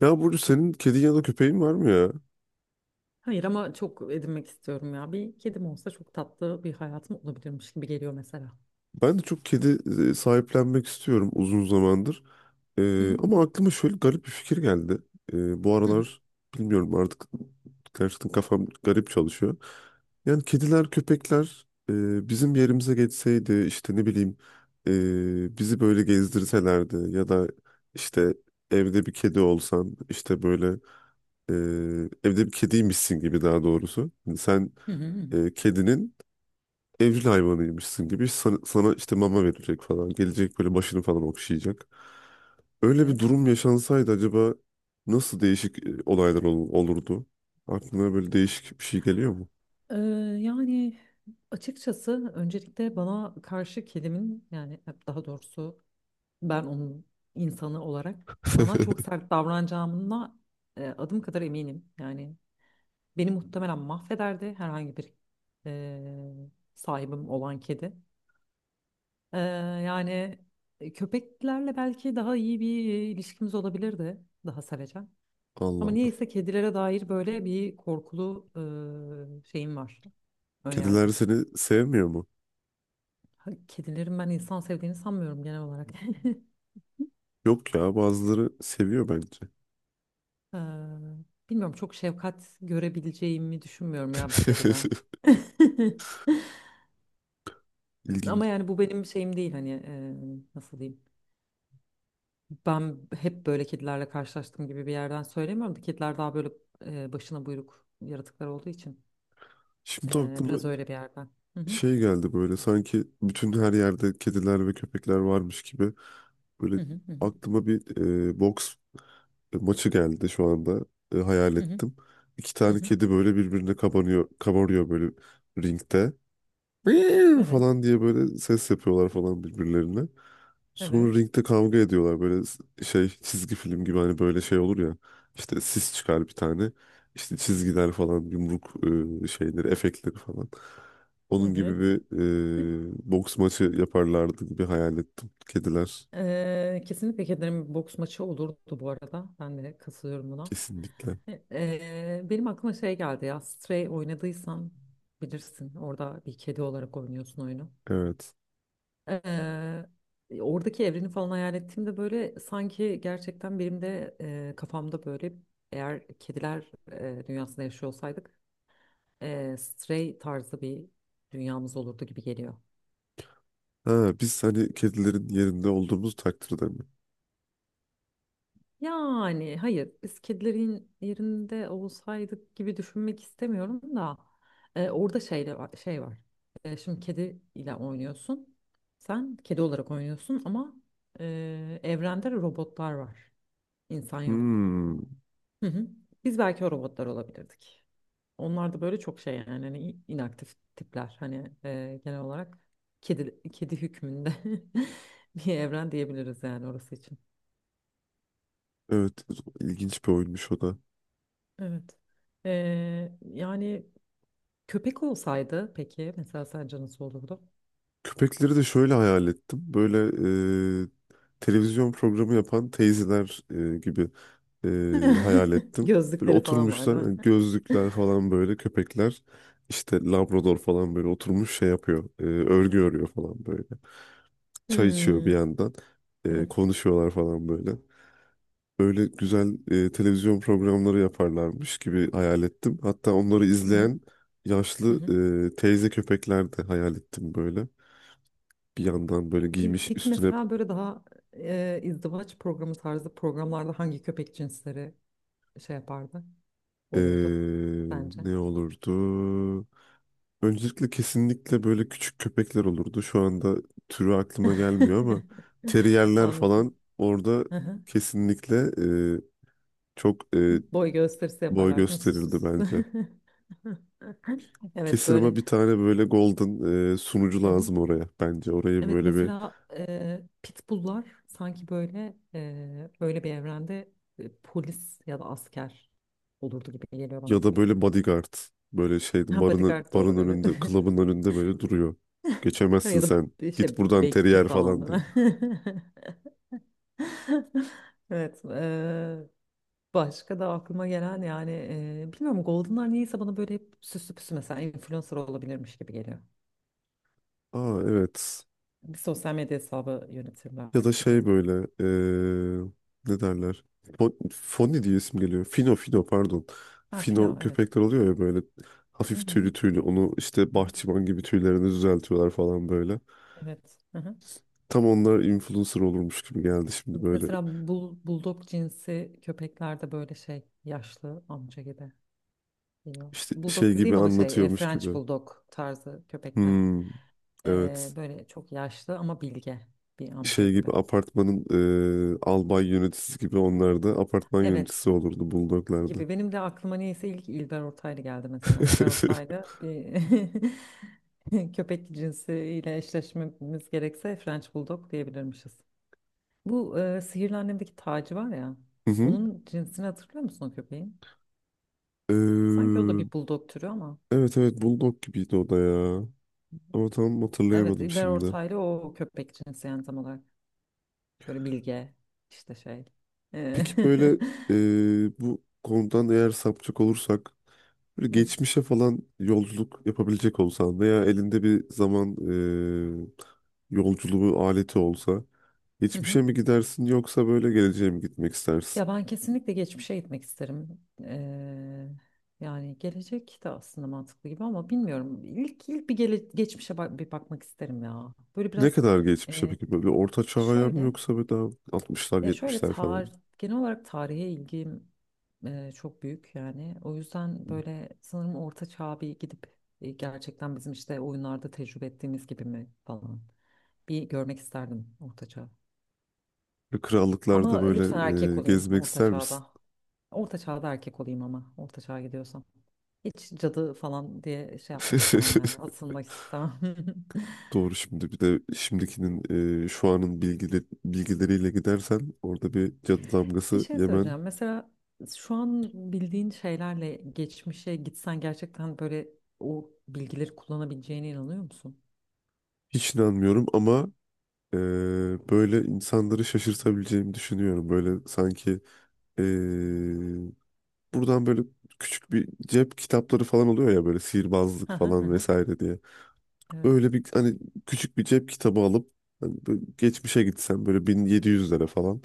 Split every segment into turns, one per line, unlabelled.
Ya burada senin kedin ya da köpeğin var mı ya?
Hayır ama çok edinmek istiyorum ya. Bir kedim olsa çok tatlı bir hayatım olabilirmiş gibi geliyor mesela.
Ben de çok kedi sahiplenmek istiyorum uzun zamandır.
Hı hı.
Ama aklıma şöyle garip bir fikir geldi. Bu
Hı hı.
aralar bilmiyorum artık gerçekten kafam garip çalışıyor. Yani kediler, köpekler bizim yerimize geçseydi işte ne bileyim bizi böyle gezdirselerdi ya da işte evde bir kedi olsan işte böyle e, evde bir kediymişsin gibi daha doğrusu. Yani sen
Hı hı. Hı hı.
kedinin evcil hayvanıymışsın gibi sana işte mama verecek falan. Gelecek böyle başını falan okşayacak. Öyle bir
Evet.
durum yaşansaydı acaba nasıl değişik olaylar olurdu? Aklına böyle değişik bir şey geliyor mu?
Ee, yani açıkçası öncelikle bana karşı kedimin yani daha doğrusu ben onun insanı olarak bana çok sert davranacağına adım kadar eminim. Yani beni muhtemelen mahvederdi herhangi bir e, sahibim olan kedi. Ee, yani köpeklerle belki daha iyi bir ilişkimiz olabilirdi. Daha sevecen.
Allah
Ama
Allah.
niyeyse kedilere dair böyle bir korkulu şeyim var.
Kediler
Önyargım.
seni sevmiyor mu?
Ha, kedilerin ben insan sevdiğini sanmıyorum genel olarak.
Yok ya bazıları seviyor bence.
Ee, bilmiyorum çok şefkat görebileceğimi düşünmüyorum ya bir kediden.
İlginç.
Ama yani bu benim şeyim değil hani nasıl diyeyim. Ben hep böyle kedilerle karşılaştığım gibi bir yerden söylemiyorum da kediler daha böyle başına buyruk yaratıklar olduğu için
Şimdi aklıma
biraz öyle bir yerden. Hı hı.
şey geldi böyle sanki bütün her yerde kediler ve köpekler varmış gibi. Böyle
Hı hı hı hı
aklıma bir boks maçı geldi şu anda. Hayal
hı hı.
ettim. İki
hı
tane
hı.
kedi böyle birbirine kabarıyor böyle ringde. "Meow"
Evet,
falan diye böyle ses yapıyorlar falan birbirlerine. Sonra
evet,
ringde kavga ediyorlar böyle şey çizgi film gibi hani böyle şey olur ya. İşte sis çıkar bir tane. İşte çizgiler falan yumruk şeyleri efektleri falan. Onun gibi
evet.
bir boks maçı yaparlardı gibi hayal ettim. Kediler
Kesinlikle kedilerin bir boks maçı olurdu bu arada. Ben de katılıyorum buna.
kesinlikle.
Benim aklıma şey geldi ya. Stray oynadıysan bilirsin. Orada bir kedi olarak oynuyorsun oyunu.
Evet.
Eee, oradaki evreni falan hayal ettiğimde böyle sanki gerçekten benim de kafamda böyle eğer kediler dünyasında yaşıyor olsaydık Stray tarzı bir dünyamız olurdu gibi geliyor.
Ha, biz hani kedilerin yerinde olduğumuz takdirde mi?
Yani hayır biz kedilerin yerinde olsaydık gibi düşünmek istemiyorum da orada şey var. Şimdi kedi ile oynuyorsun. Sen kedi olarak oynuyorsun ama evrende robotlar var. İnsan yok.
Hmm.
Hı hı. Biz belki o robotlar olabilirdik. Onlar da böyle çok şey yani hani inaktif tipler. Hani genel olarak kedi kedi hükmünde bir evren diyebiliriz yani orası için.
Evet, ilginç bir oyunmuş o da.
Evet. Yani köpek olsaydı peki mesela sence nasıl olurdu?
Köpekleri de şöyle hayal ettim. Böyle e, televizyon programı yapan teyzeler gibi hayal ettim. Böyle
Gözlükleri falan var
oturmuşlar,
değil mi?
yani gözlükler falan böyle köpekler. İşte Labrador falan böyle oturmuş şey yapıyor. Örgü örüyor falan böyle. Çay içiyor
Hmm,
bir yandan.
evet.
Konuşuyorlar falan böyle. Böyle güzel televizyon programları yaparlarmış gibi hayal ettim. Hatta onları
Hı hı,
izleyen
hı
yaşlı
hı.
teyze köpekler de hayal ettim böyle. Bir yandan böyle
Pe-
giymiş
Peki
üstüne
mesela böyle daha izdivaç programı tarzı programlarda hangi köpek cinsleri şey yapardı, olurdu
e,
bence.
ne olurdu? Öncelikle kesinlikle böyle küçük köpekler olurdu. Şu anda türü aklıma gelmiyor ama teriyerler falan
Anladım.
orada
Hı hı.
kesinlikle e, çok
Boy gösterisi
boy
yaparlar değil mi? Süs süs.
gösterirdi
Süs.
bence.
Evet
Kesin
böyle.
ama bir tane böyle golden sunucu
Hı hı.
lazım oraya bence. Orayı
Evet
böyle bir
mesela pitbulllar sanki böyle öyle bir evrende polis ya da asker olurdu gibi geliyor bana.
ya da böyle bodyguard böyle şeydi
Ha, bodyguard da
barın
olur evet.
önünde, klubun önünde böyle duruyor. Geçemezsin
Ya da
sen.
bir
Git
şey
buradan
bekçi
teriyer
falan
falan
değil
diyor.
mi? Evet. Başka da aklıma gelen yani bilmiyorum Golden'lar niyeyse bana böyle hep süslü püslü mesela influencer olabilirmiş gibi geliyor.
Aa evet.
Bir sosyal medya hesabı
Ya da
yönetirlerdi gibi.
şey böyle eee, ne derler? Foni diye isim geliyor. Fino Fino, pardon.
Ha
Fino
Fino evet.
köpekler oluyor ya böyle
Hı hı
hafif
hı hı,
tüylü tüylü. Onu işte
hı hı.
bahçıvan gibi tüylerini düzeltiyorlar falan böyle.
Evet. Hı hı.
Tam onlar influencer olurmuş gibi geldi şimdi böyle.
Mesela bulldog cinsi köpekler de böyle şey yaşlı amca gibi geliyor.
İşte şey
Bulldog
gibi
dediğim ama şey
anlatıyormuş
French
gibi.
bulldog tarzı köpekler.
Hmm,
E,
evet.
böyle çok yaşlı ama bilge bir amca
Şey
gibi.
gibi apartmanın albay yöneticisi gibi onlar da apartman
Evet.
yöneticisi olurdu bulldoglarda.
Gibi. Benim de aklıma niyeyse ilk İlber Ortaylı geldi mesela. İlber Ortaylı bir köpek cinsiyle eşleşmemiz gerekse French Bulldog diyebilirmişiz. Bu Sihirli Annem'deki Taci var ya.
Hı
Onun cinsini hatırlıyor musun o köpeğin? Sanki o da
hı.
bir bulldog türü ama.
Evet evet Bulldog gibiydi o da ya. Ama tam
Evet
hatırlayamadım
İlber
şimdi.
Ortaylı o köpek cinsi yani tam olarak. Böyle bilge işte şey. E,
Peki böyle bu konudan eğer sapacak olursak böyle geçmişe falan yolculuk yapabilecek olsan veya elinde bir zaman yolculuğu aleti olsa
Hı hı.
geçmişe mi gidersin yoksa böyle geleceğe mi gitmek istersin?
Ya ben kesinlikle geçmişe gitmek isterim. Yani gelecek de aslında mantıklı gibi ama bilmiyorum. İlk bir geçmişe bir bakmak isterim ya. Böyle
Ne
biraz
kadar geçmişe
eee,
peki böyle orta çağ'a mı
şöyle
yoksa böyle daha 60'lar
ya şöyle
70'ler falan?
tarih genel olarak tarihe ilgim çok büyük yani. O yüzden böyle sanırım orta çağa bir gidip gerçekten bizim işte oyunlarda tecrübe ettiğimiz gibi mi falan bir görmek isterdim orta çağı.
Böyle krallıklarda
Ama
böyle
lütfen erkek olayım
gezmek
orta
ister misin?
çağda. Orta çağda erkek olayım ama orta çağa gidiyorsam. Hiç cadı falan diye şey yapmak istemem yani. Asılmak istemem.
Doğru, şimdi bir de şimdikinin şu anın bilgileriyle gidersen orada bir cadı
Bir
damgası
şey
yemen
söyleyeceğim. Mesela şu an bildiğin şeylerle geçmişe gitsen gerçekten böyle o bilgileri kullanabileceğine inanıyor musun?
hiç inanmıyorum ama e, böyle insanları şaşırtabileceğimi düşünüyorum. Böyle sanki e, buradan böyle küçük bir cep kitapları falan oluyor ya böyle sihirbazlık
Hı hı hı
falan
hı.
vesaire diye.
Evet.
Öyle bir hani küçük bir cep kitabı alıp hani böyle geçmişe gitsem böyle 1700'lere falan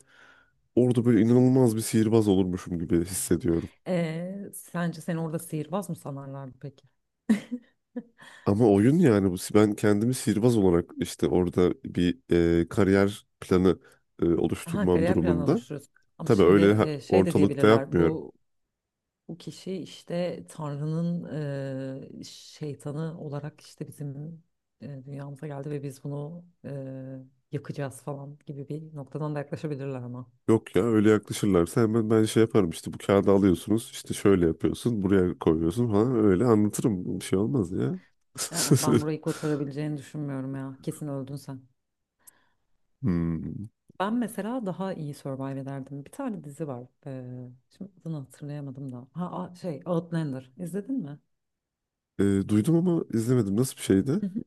orada böyle inanılmaz bir sihirbaz olurmuşum gibi hissediyorum.
Sence seni orada sihirbaz mı sanarlardı peki?
Ama oyun yani bu. Ben kendimi sihirbaz olarak işte orada bir kariyer planı
Ha,
oluşturmam
kariyer planı
durumunda.
oluşturuyorsun. Ama
Tabii
şimdi
öyle
şey de
ortalıkta
diyebilirler.
yapmıyorum.
Bu kişi işte Tanrı'nın şeytanı olarak işte bizim dünyamıza geldi ve biz bunu yakacağız falan gibi bir noktadan da yaklaşabilirler ama.
Yok ya öyle yaklaşırlarsa hemen ben şey yaparım işte bu kağıdı alıyorsunuz işte şöyle yapıyorsun buraya koyuyorsun falan öyle anlatırım bir şey olmaz ya.
Aa, ben burayı kotarabileceğini düşünmüyorum ya. Kesin öldün sen.
Hmm.
Ben mesela daha iyi survive ederdim. Bir tane dizi var. Şimdi adını hatırlayamadım da. Ha şey Outlander. İzledin mi?
E, Duydum ama izlemedim, nasıl bir şeydi?
Hı hı.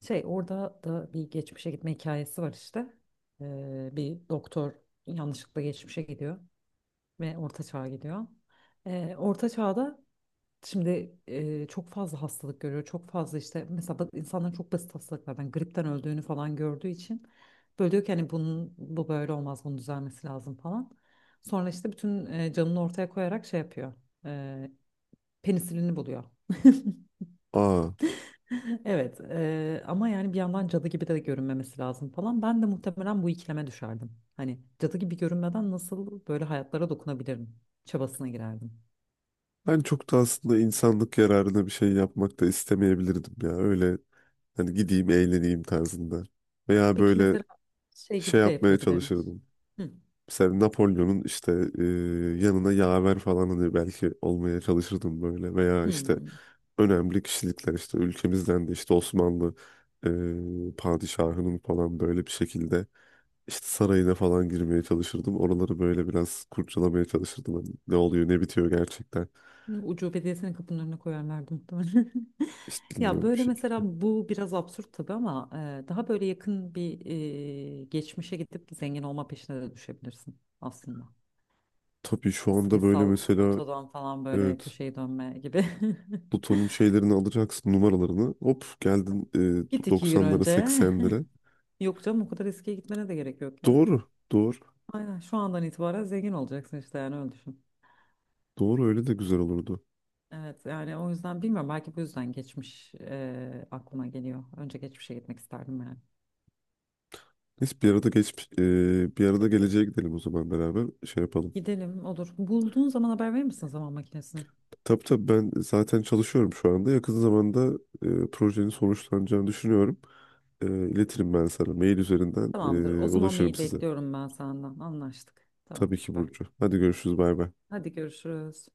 Şey orada da bir geçmişe gitme hikayesi var işte. Bir doktor yanlışlıkla geçmişe gidiyor. Ve Orta çağa gidiyor. Orta Çağ'da şimdi çok fazla hastalık görüyor. Çok fazla işte mesela insanların çok basit hastalıklardan gripten öldüğünü falan gördüğü için böyle diyor ki hani bunun bu böyle olmaz bunun düzelmesi lazım falan. Sonra işte bütün canını ortaya koyarak şey yapıyor. E, penisilini buluyor.
Aa,
Evet ama yani bir yandan cadı gibi de görünmemesi lazım falan. Ben de muhtemelen bu ikileme düşerdim. Hani cadı gibi görünmeden nasıl böyle hayatlara dokunabilirim çabasına girerdim.
ben çok da aslında insanlık yararına bir şey yapmak da istemeyebilirdim ya, öyle hani gideyim eğleneyim tarzında. Veya
Peki
böyle
mesela şey
şey
gibi de
yapmaya
yapılabilirmiş.
çalışırdım.
Hı.
Mesela Napolyon'un işte e, yanına yaver falan hani belki olmaya çalışırdım böyle veya işte
Hmm.
önemli kişilikler işte ülkemizden de işte Osmanlı padişahının falan böyle bir şekilde işte sarayına falan girmeye çalışırdım. Oraları böyle biraz kurcalamaya çalışırdım. Hani ne oluyor ne bitiyor gerçekten
Ucu belediyesinin kapının önüne koyarlardı muhtemelen.
işte
Ya
bilmiyorum bir
böyle mesela
şekilde.
bu biraz absürt tabii ama daha böyle yakın bir geçmişe gidip zengin olma peşine de düşebilirsin aslında.
Tabii
E,
şu anda böyle
Sayısal
mesela
otodan falan böyle
evet,
köşeyi dönme gibi.
Pluto'nun şeylerini alacaksın, numaralarını hop geldin
Git 2 gün
90'lara
önce.
80'lere.
Yok canım o kadar eskiye gitmene de gerek yok ya.
Doğru. Doğru.
Aynen şu andan itibaren zengin olacaksın işte yani öyle düşün.
Doğru, öyle de güzel olurdu.
Evet yani o yüzden bilmiyorum belki bu yüzden geçmiş aklıma geliyor. Önce geçmişe gitmek isterdim yani.
Neyse bir arada geleceğe gidelim o zaman, beraber şey yapalım.
Gidelim olur. Bulduğun zaman haber verir misin zaman makinesine?
Tabii tabii, ben zaten çalışıyorum şu anda. Yakın zamanda projenin sonuçlanacağını düşünüyorum. İletirim ben sana. Mail üzerinden
Tamamdır. O zaman
ulaşırım
mail
size.
bekliyorum ben senden. Anlaştık. Tamam
Tabii ki
süper.
Burcu. Hadi görüşürüz, bay bay.
Hadi görüşürüz.